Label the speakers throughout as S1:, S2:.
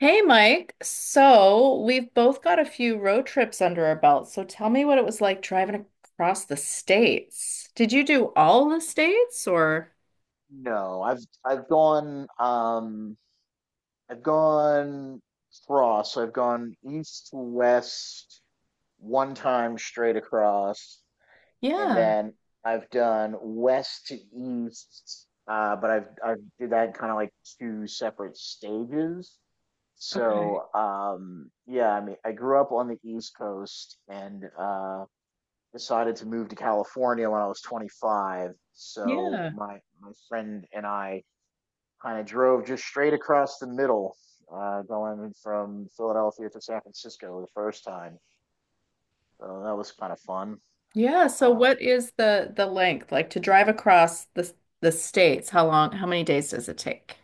S1: Hey Mike, so we've both got a few road trips under our belts. So tell me what it was like driving across the states. Did you do all the states or?
S2: No, I've gone cross. So I've gone east to west one time straight across, and
S1: Yeah.
S2: then I've done west to east. But I've did that kind of like two separate stages.
S1: Okay.
S2: So, yeah, I mean I grew up on the East Coast and decided to move to California when I was 25. So
S1: Yeah.
S2: my friend and I drove just straight across the middle, going from Philadelphia to San Francisco the first time. So that was kind of fun.
S1: Yeah. So
S2: Uh,
S1: what is the length like to drive across the states? How long? How many days does it take?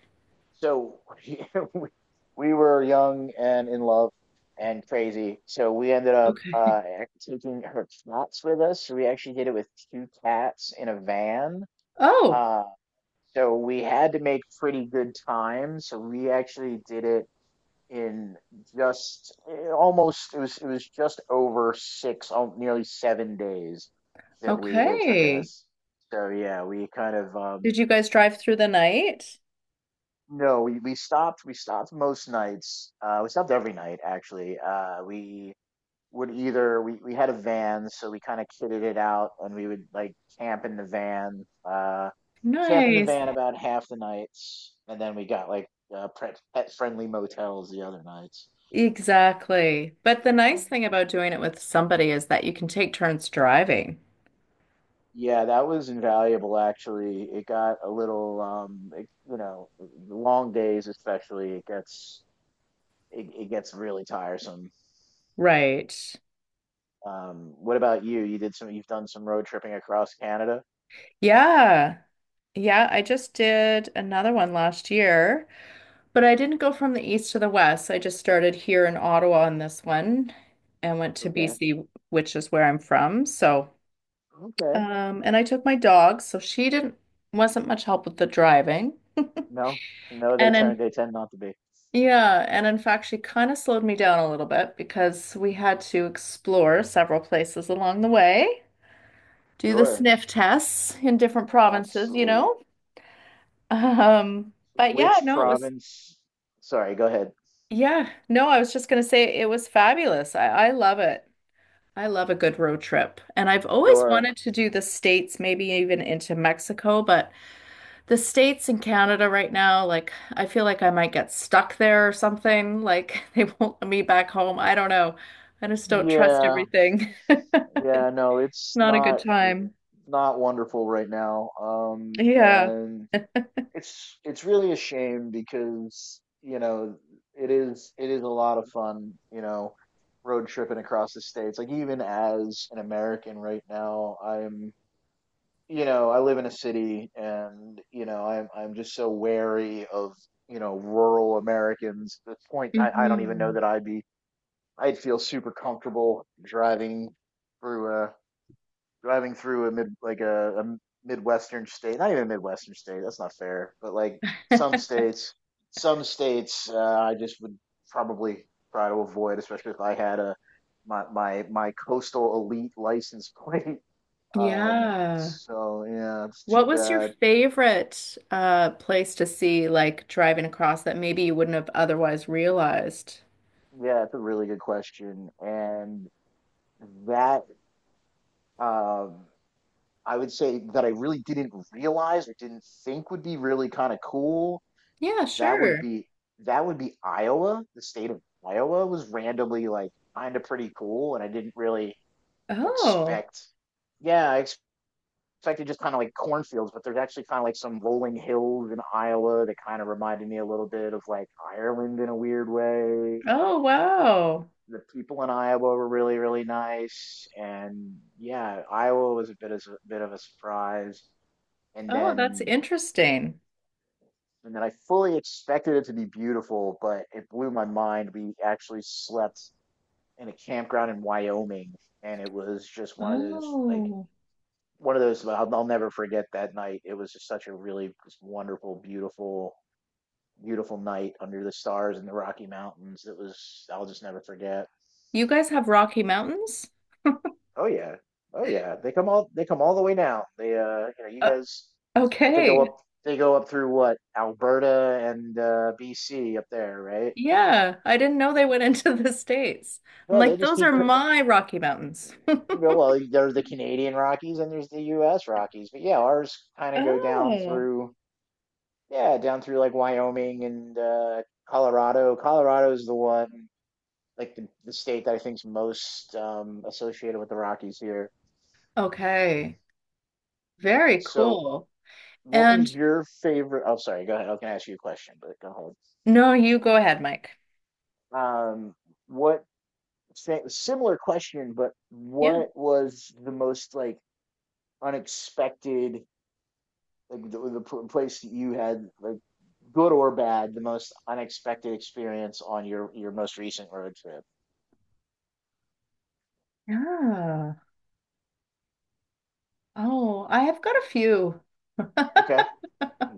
S2: so we we were young and in love and crazy. So we ended up
S1: Okay.
S2: taking her cats with us. So we actually did it with two cats in a van.
S1: Oh,
S2: Uh, so we had to make pretty good time. So we actually did it in just almost it was just over six, nearly 7 days that we it took
S1: okay.
S2: us. So yeah, we kind of
S1: Did you guys drive through the night?
S2: no, we stopped most nights. We stopped every night actually. We would either, we had a van, so we kind of kitted it out and we would like camp in the van. We camped in the
S1: Nice.
S2: van about half the nights, and then we got like pet friendly motels the other nights.
S1: Exactly. But the nice thing about doing it with somebody is that you can take turns driving.
S2: Yeah, that was invaluable actually. It got a little long days especially, it gets it gets really tiresome.
S1: Right.
S2: What about you? You did some You've done some road tripping across Canada?
S1: Yeah. Yeah, I just did another one last year, but I didn't go from the east to the west. I just started here in Ottawa on this one and went to
S2: Okay.
S1: BC, which is where I'm from. So,
S2: Okay.
S1: and I took my dog, so she didn't wasn't much help with the driving.
S2: No. No,
S1: And in
S2: they tend not to be.
S1: Yeah, and in fact, she kind of slowed me down a little bit because we had to explore several places along the way, do the
S2: Sure.
S1: sniff tests in different provinces, you
S2: Absolutely.
S1: know. But yeah,
S2: Which
S1: no, it was
S2: province? Sorry, go ahead.
S1: yeah, no, I was just gonna say it was fabulous. I love it. I love a good road trip, and I've always
S2: Sure.
S1: wanted to do the States, maybe even into Mexico, but the States and Canada right now, like I feel like I might get stuck there or something. Like they won't let me back home. I don't know. I just don't trust
S2: Yeah.
S1: everything.
S2: Yeah, no, it's
S1: Not a good
S2: not w-
S1: time.
S2: not wonderful right now.
S1: Yeah.
S2: And it's really a shame because it is a lot of fun, road tripping across the states, like even as an American right now. I'm you know i live in a city, and I'm just so wary of, rural Americans at this point. I don't even know
S1: Hmm.
S2: that I'd feel super comfortable driving through a mid like a midwestern state. Not even a midwestern state, that's not fair, but like some states some states, I just would probably try to avoid, especially if I had my coastal elite license plate.
S1: Yeah.
S2: So yeah, it's too
S1: What was your
S2: bad.
S1: favorite place to see like driving across that maybe you wouldn't have otherwise realized?
S2: Yeah, it's a really good question, and that um I would say that I really didn't realize or didn't think would be really kind of cool.
S1: Yeah,
S2: that would
S1: sure.
S2: be that would be Iowa. The state of Iowa was randomly like kind of pretty cool, and I didn't really
S1: Oh.
S2: expect. Yeah, I expected just kind of like cornfields, but there's actually kind of like some rolling hills in Iowa that kind of reminded me a little bit of like Ireland in a weird way.
S1: Oh, wow.
S2: The people in Iowa were really, really nice, and yeah, Iowa was a bit of a surprise. And
S1: Oh, that's
S2: then
S1: interesting.
S2: and then I fully expected it to be beautiful, but it blew my mind. We actually slept in a campground in Wyoming, and it was just one of those, like,
S1: Oh.
S2: one of those I'll never forget that night. It was just such a really just wonderful, beautiful, beautiful night under the stars in the Rocky Mountains. It was I'll just never forget.
S1: You guys have Rocky Mountains?
S2: Oh yeah, oh yeah. They come all the way now. They, you
S1: Uh,
S2: guys, but
S1: okay.
S2: they go up through, what, Alberta and BC up there, right?
S1: Yeah, I didn't know they went into the States. I'm
S2: No, they
S1: like,
S2: just
S1: those are
S2: keep c-
S1: my Rocky Mountains.
S2: Well, there's the Canadian Rockies and there's the U.S. Rockies, but yeah, ours kind of go down
S1: Oh,
S2: through, yeah, down through like Wyoming and Colorado. Colorado is the one, like the state that I think's most associated with the Rockies here.
S1: okay. Very
S2: So,
S1: cool.
S2: what was
S1: And
S2: your favorite? Oh, sorry, go ahead. I can ask you a question, but go
S1: no, you go ahead, Mike.
S2: ahead. What, similar question, but
S1: Yeah.
S2: what was the most like unexpected? Like the place that you had, like, good or bad, the most unexpected experience on your most recent road trip.
S1: Yeah. Oh, I have got a few.
S2: Okay.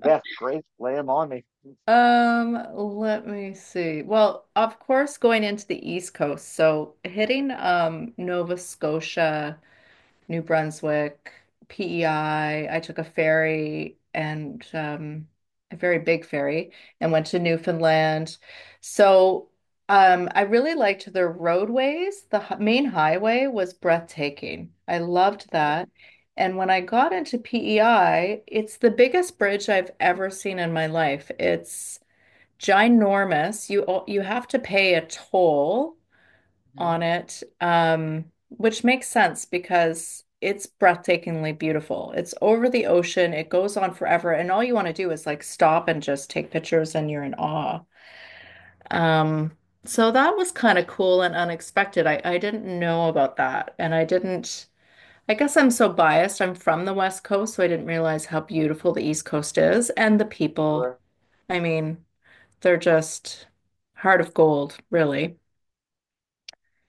S2: Yeah, great. Lay them on me.
S1: Let me see. Well, of course, going into the East Coast, so hitting Nova Scotia, New Brunswick, PEI. I took a ferry and a very big ferry and went to Newfoundland. So I really liked the roadways. The main highway was breathtaking. I loved
S2: Okay.
S1: that. And when I got into PEI, it's the biggest bridge I've ever seen in my life. It's ginormous. You you have to pay a toll
S2: Hmm.
S1: on it, which makes sense because it's breathtakingly beautiful. It's over the ocean, it goes on forever, and all you want to do is like stop and just take pictures and you're in awe. Um, so that was kind of cool and unexpected. I didn't know about that, and I didn't. I guess I'm so biased. I'm from the West Coast, so I didn't realize how beautiful the East Coast is and the people.
S2: Sure.
S1: I mean, they're just heart of gold, really.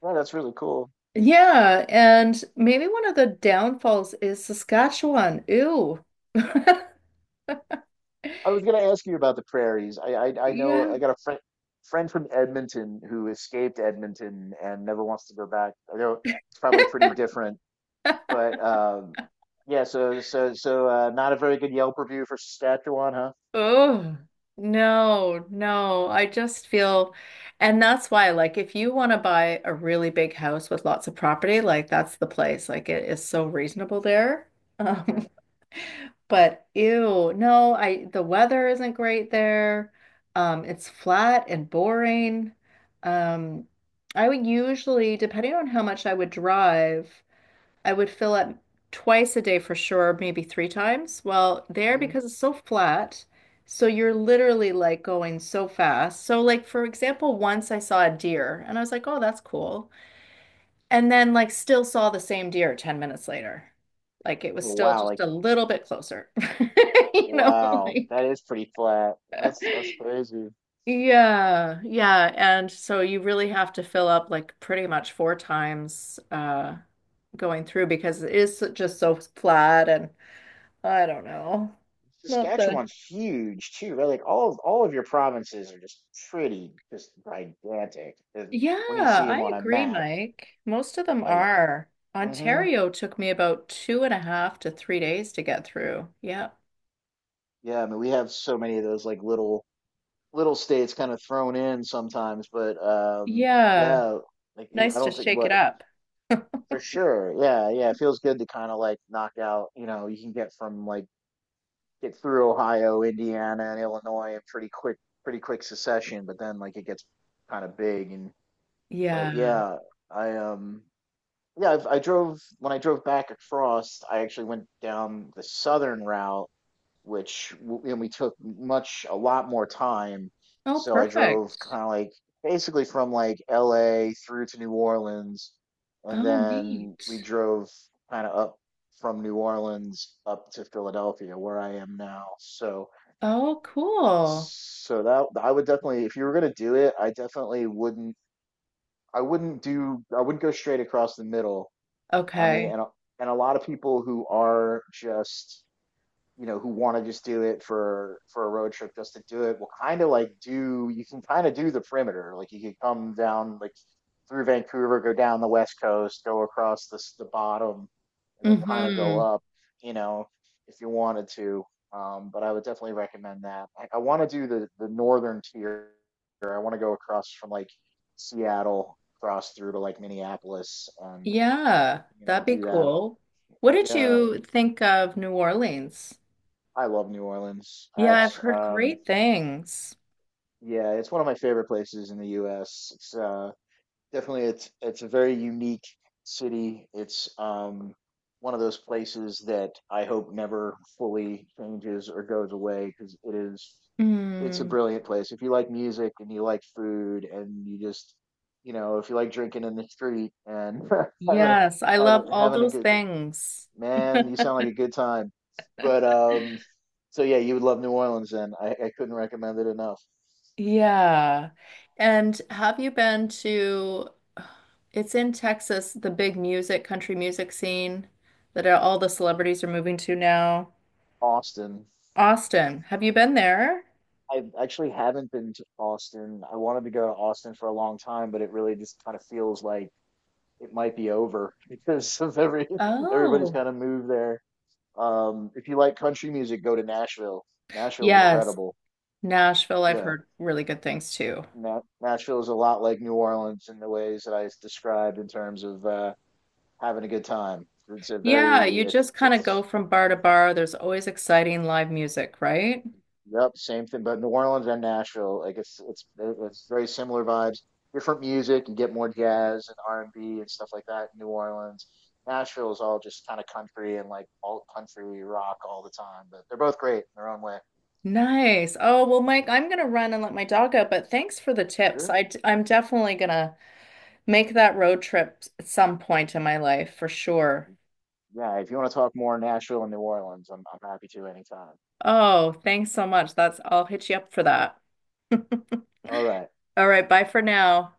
S2: Yeah, that's really cool.
S1: Yeah, and maybe one of the downfalls is Saskatchewan. Ew.
S2: I was going to ask you about the prairies. I
S1: Yeah.
S2: know I got a friend from Edmonton who escaped Edmonton and never wants to go back. I know it's probably pretty different, but yeah. So, not a very good Yelp review for Saskatchewan, huh?
S1: Oh, no, no. I just feel, and that's why, like, if you want to buy a really big house with lots of property, like, that's the place. Like, it is so reasonable there. Um,
S2: Mhm.
S1: but ew, no, I, the weather isn't great there. It's flat and boring. Um, I would usually, depending on how much I would drive, I would fill it twice a day for sure, maybe three times. Well, there
S2: Mhm.
S1: because it's so flat, so you're literally like going so fast. So like for example, once I saw a deer and I was like, "Oh, that's cool." And then like still saw the same deer 10 minutes later. Like it was
S2: Oh,
S1: still
S2: wow,
S1: just a little bit closer. You know,
S2: wow,
S1: like
S2: that is pretty flat. That's crazy.
S1: yeah, yeah. And so you really have to fill up like pretty much four times going through because it is just so flat and I don't know. Not the.
S2: Saskatchewan's huge too, right? Like all of your provinces are just pretty, just gigantic. And
S1: Yeah,
S2: when you see them
S1: I
S2: on a
S1: agree,
S2: map,
S1: Mike. Most of them
S2: like,
S1: are.
S2: mm-hmm.
S1: Ontario took me about two and a half to 3 days to get through. Yeah.
S2: Yeah, I mean we have so many of those, like, little states kind of thrown in sometimes, but
S1: Yeah.
S2: yeah, like I
S1: Nice to
S2: don't think
S1: shake it
S2: what,
S1: up.
S2: for sure. Yeah, yeah, it feels good to kind of like knock out, you can get from like get through Ohio, Indiana, and Illinois in pretty quick succession. But then like it gets kind of big, and but
S1: Yeah.
S2: yeah, I um I drove when I drove back across. I actually went down the southern route, and we took much a lot more time.
S1: Oh,
S2: So I drove
S1: perfect.
S2: kind of like basically from like L.A. through to New Orleans, and
S1: Oh,
S2: then
S1: neat.
S2: we drove kind of up from New Orleans up to Philadelphia, where I am now. So
S1: Oh, cool.
S2: so that I would definitely, if you were gonna do it, I definitely wouldn't. I wouldn't do. I wouldn't go straight across the middle. I mean,
S1: Okay.
S2: and a lot of people who are just, who want to just do it for a road trip just to do it will kind of like do. You can kind of do the perimeter. Like you could come down like through Vancouver, go down the west coast, go across the bottom, and then kind of go
S1: Mm-hmm.
S2: up, you know, if you wanted to. But I would definitely recommend that. I want to do the northern tier. I want to go across from like Seattle, cross through to like Minneapolis, and,
S1: Yeah, that'd be
S2: do that.
S1: cool. What did
S2: Yeah,
S1: you think of New Orleans?
S2: I love New Orleans.
S1: Yeah, I've
S2: It's
S1: heard great things.
S2: yeah, it's one of my favorite places in the U.S. It's definitely, it's a very unique city. It's one of those places that I hope never fully changes or goes away, because it's a
S1: Hmm.
S2: brilliant place if you like music and you like food, and you just, if you like drinking in the street and having a
S1: Yes, I love all
S2: having a
S1: those
S2: good,
S1: things.
S2: man, you sound like a good time. But so yeah, you would love New Orleans, then. I couldn't recommend it enough.
S1: Yeah. And have you been to, it's in Texas, the big music, country music scene that all the celebrities are moving to now?
S2: Austin.
S1: Austin, have you been there?
S2: I actually haven't been to Austin. I wanted to go to Austin for a long time, but it really just kind of feels like it might be over because of every everybody's
S1: Oh,
S2: kind of moved there. If you like country music, go to Nashville. Nashville's
S1: yes.
S2: incredible.
S1: Nashville, I've
S2: Yeah,
S1: heard really good things too.
S2: Nashville is a lot like New Orleans in the ways that described, in terms of having a good time. It's a
S1: Yeah,
S2: very
S1: you just kind of go
S2: it's
S1: from bar to bar. There's always exciting live music, right?
S2: Yep, same thing. But New Orleans and Nashville, like it's very similar vibes. Different music. You get more jazz and R&B and stuff like that in New Orleans. Nashville is all just kind of country and like alt country rock all the time. But they're both great in their own way.
S1: Nice. Oh, well, Mike, I'm gonna run and let my dog out, but thanks for the tips.
S2: Sure.
S1: I'm definitely gonna make that road trip at some point in my life for sure.
S2: Yeah, if you want to talk more Nashville and New Orleans, I'm happy to anytime.
S1: Oh, thanks so much. That's I'll hit you up for that.
S2: All right.
S1: All right, bye for now.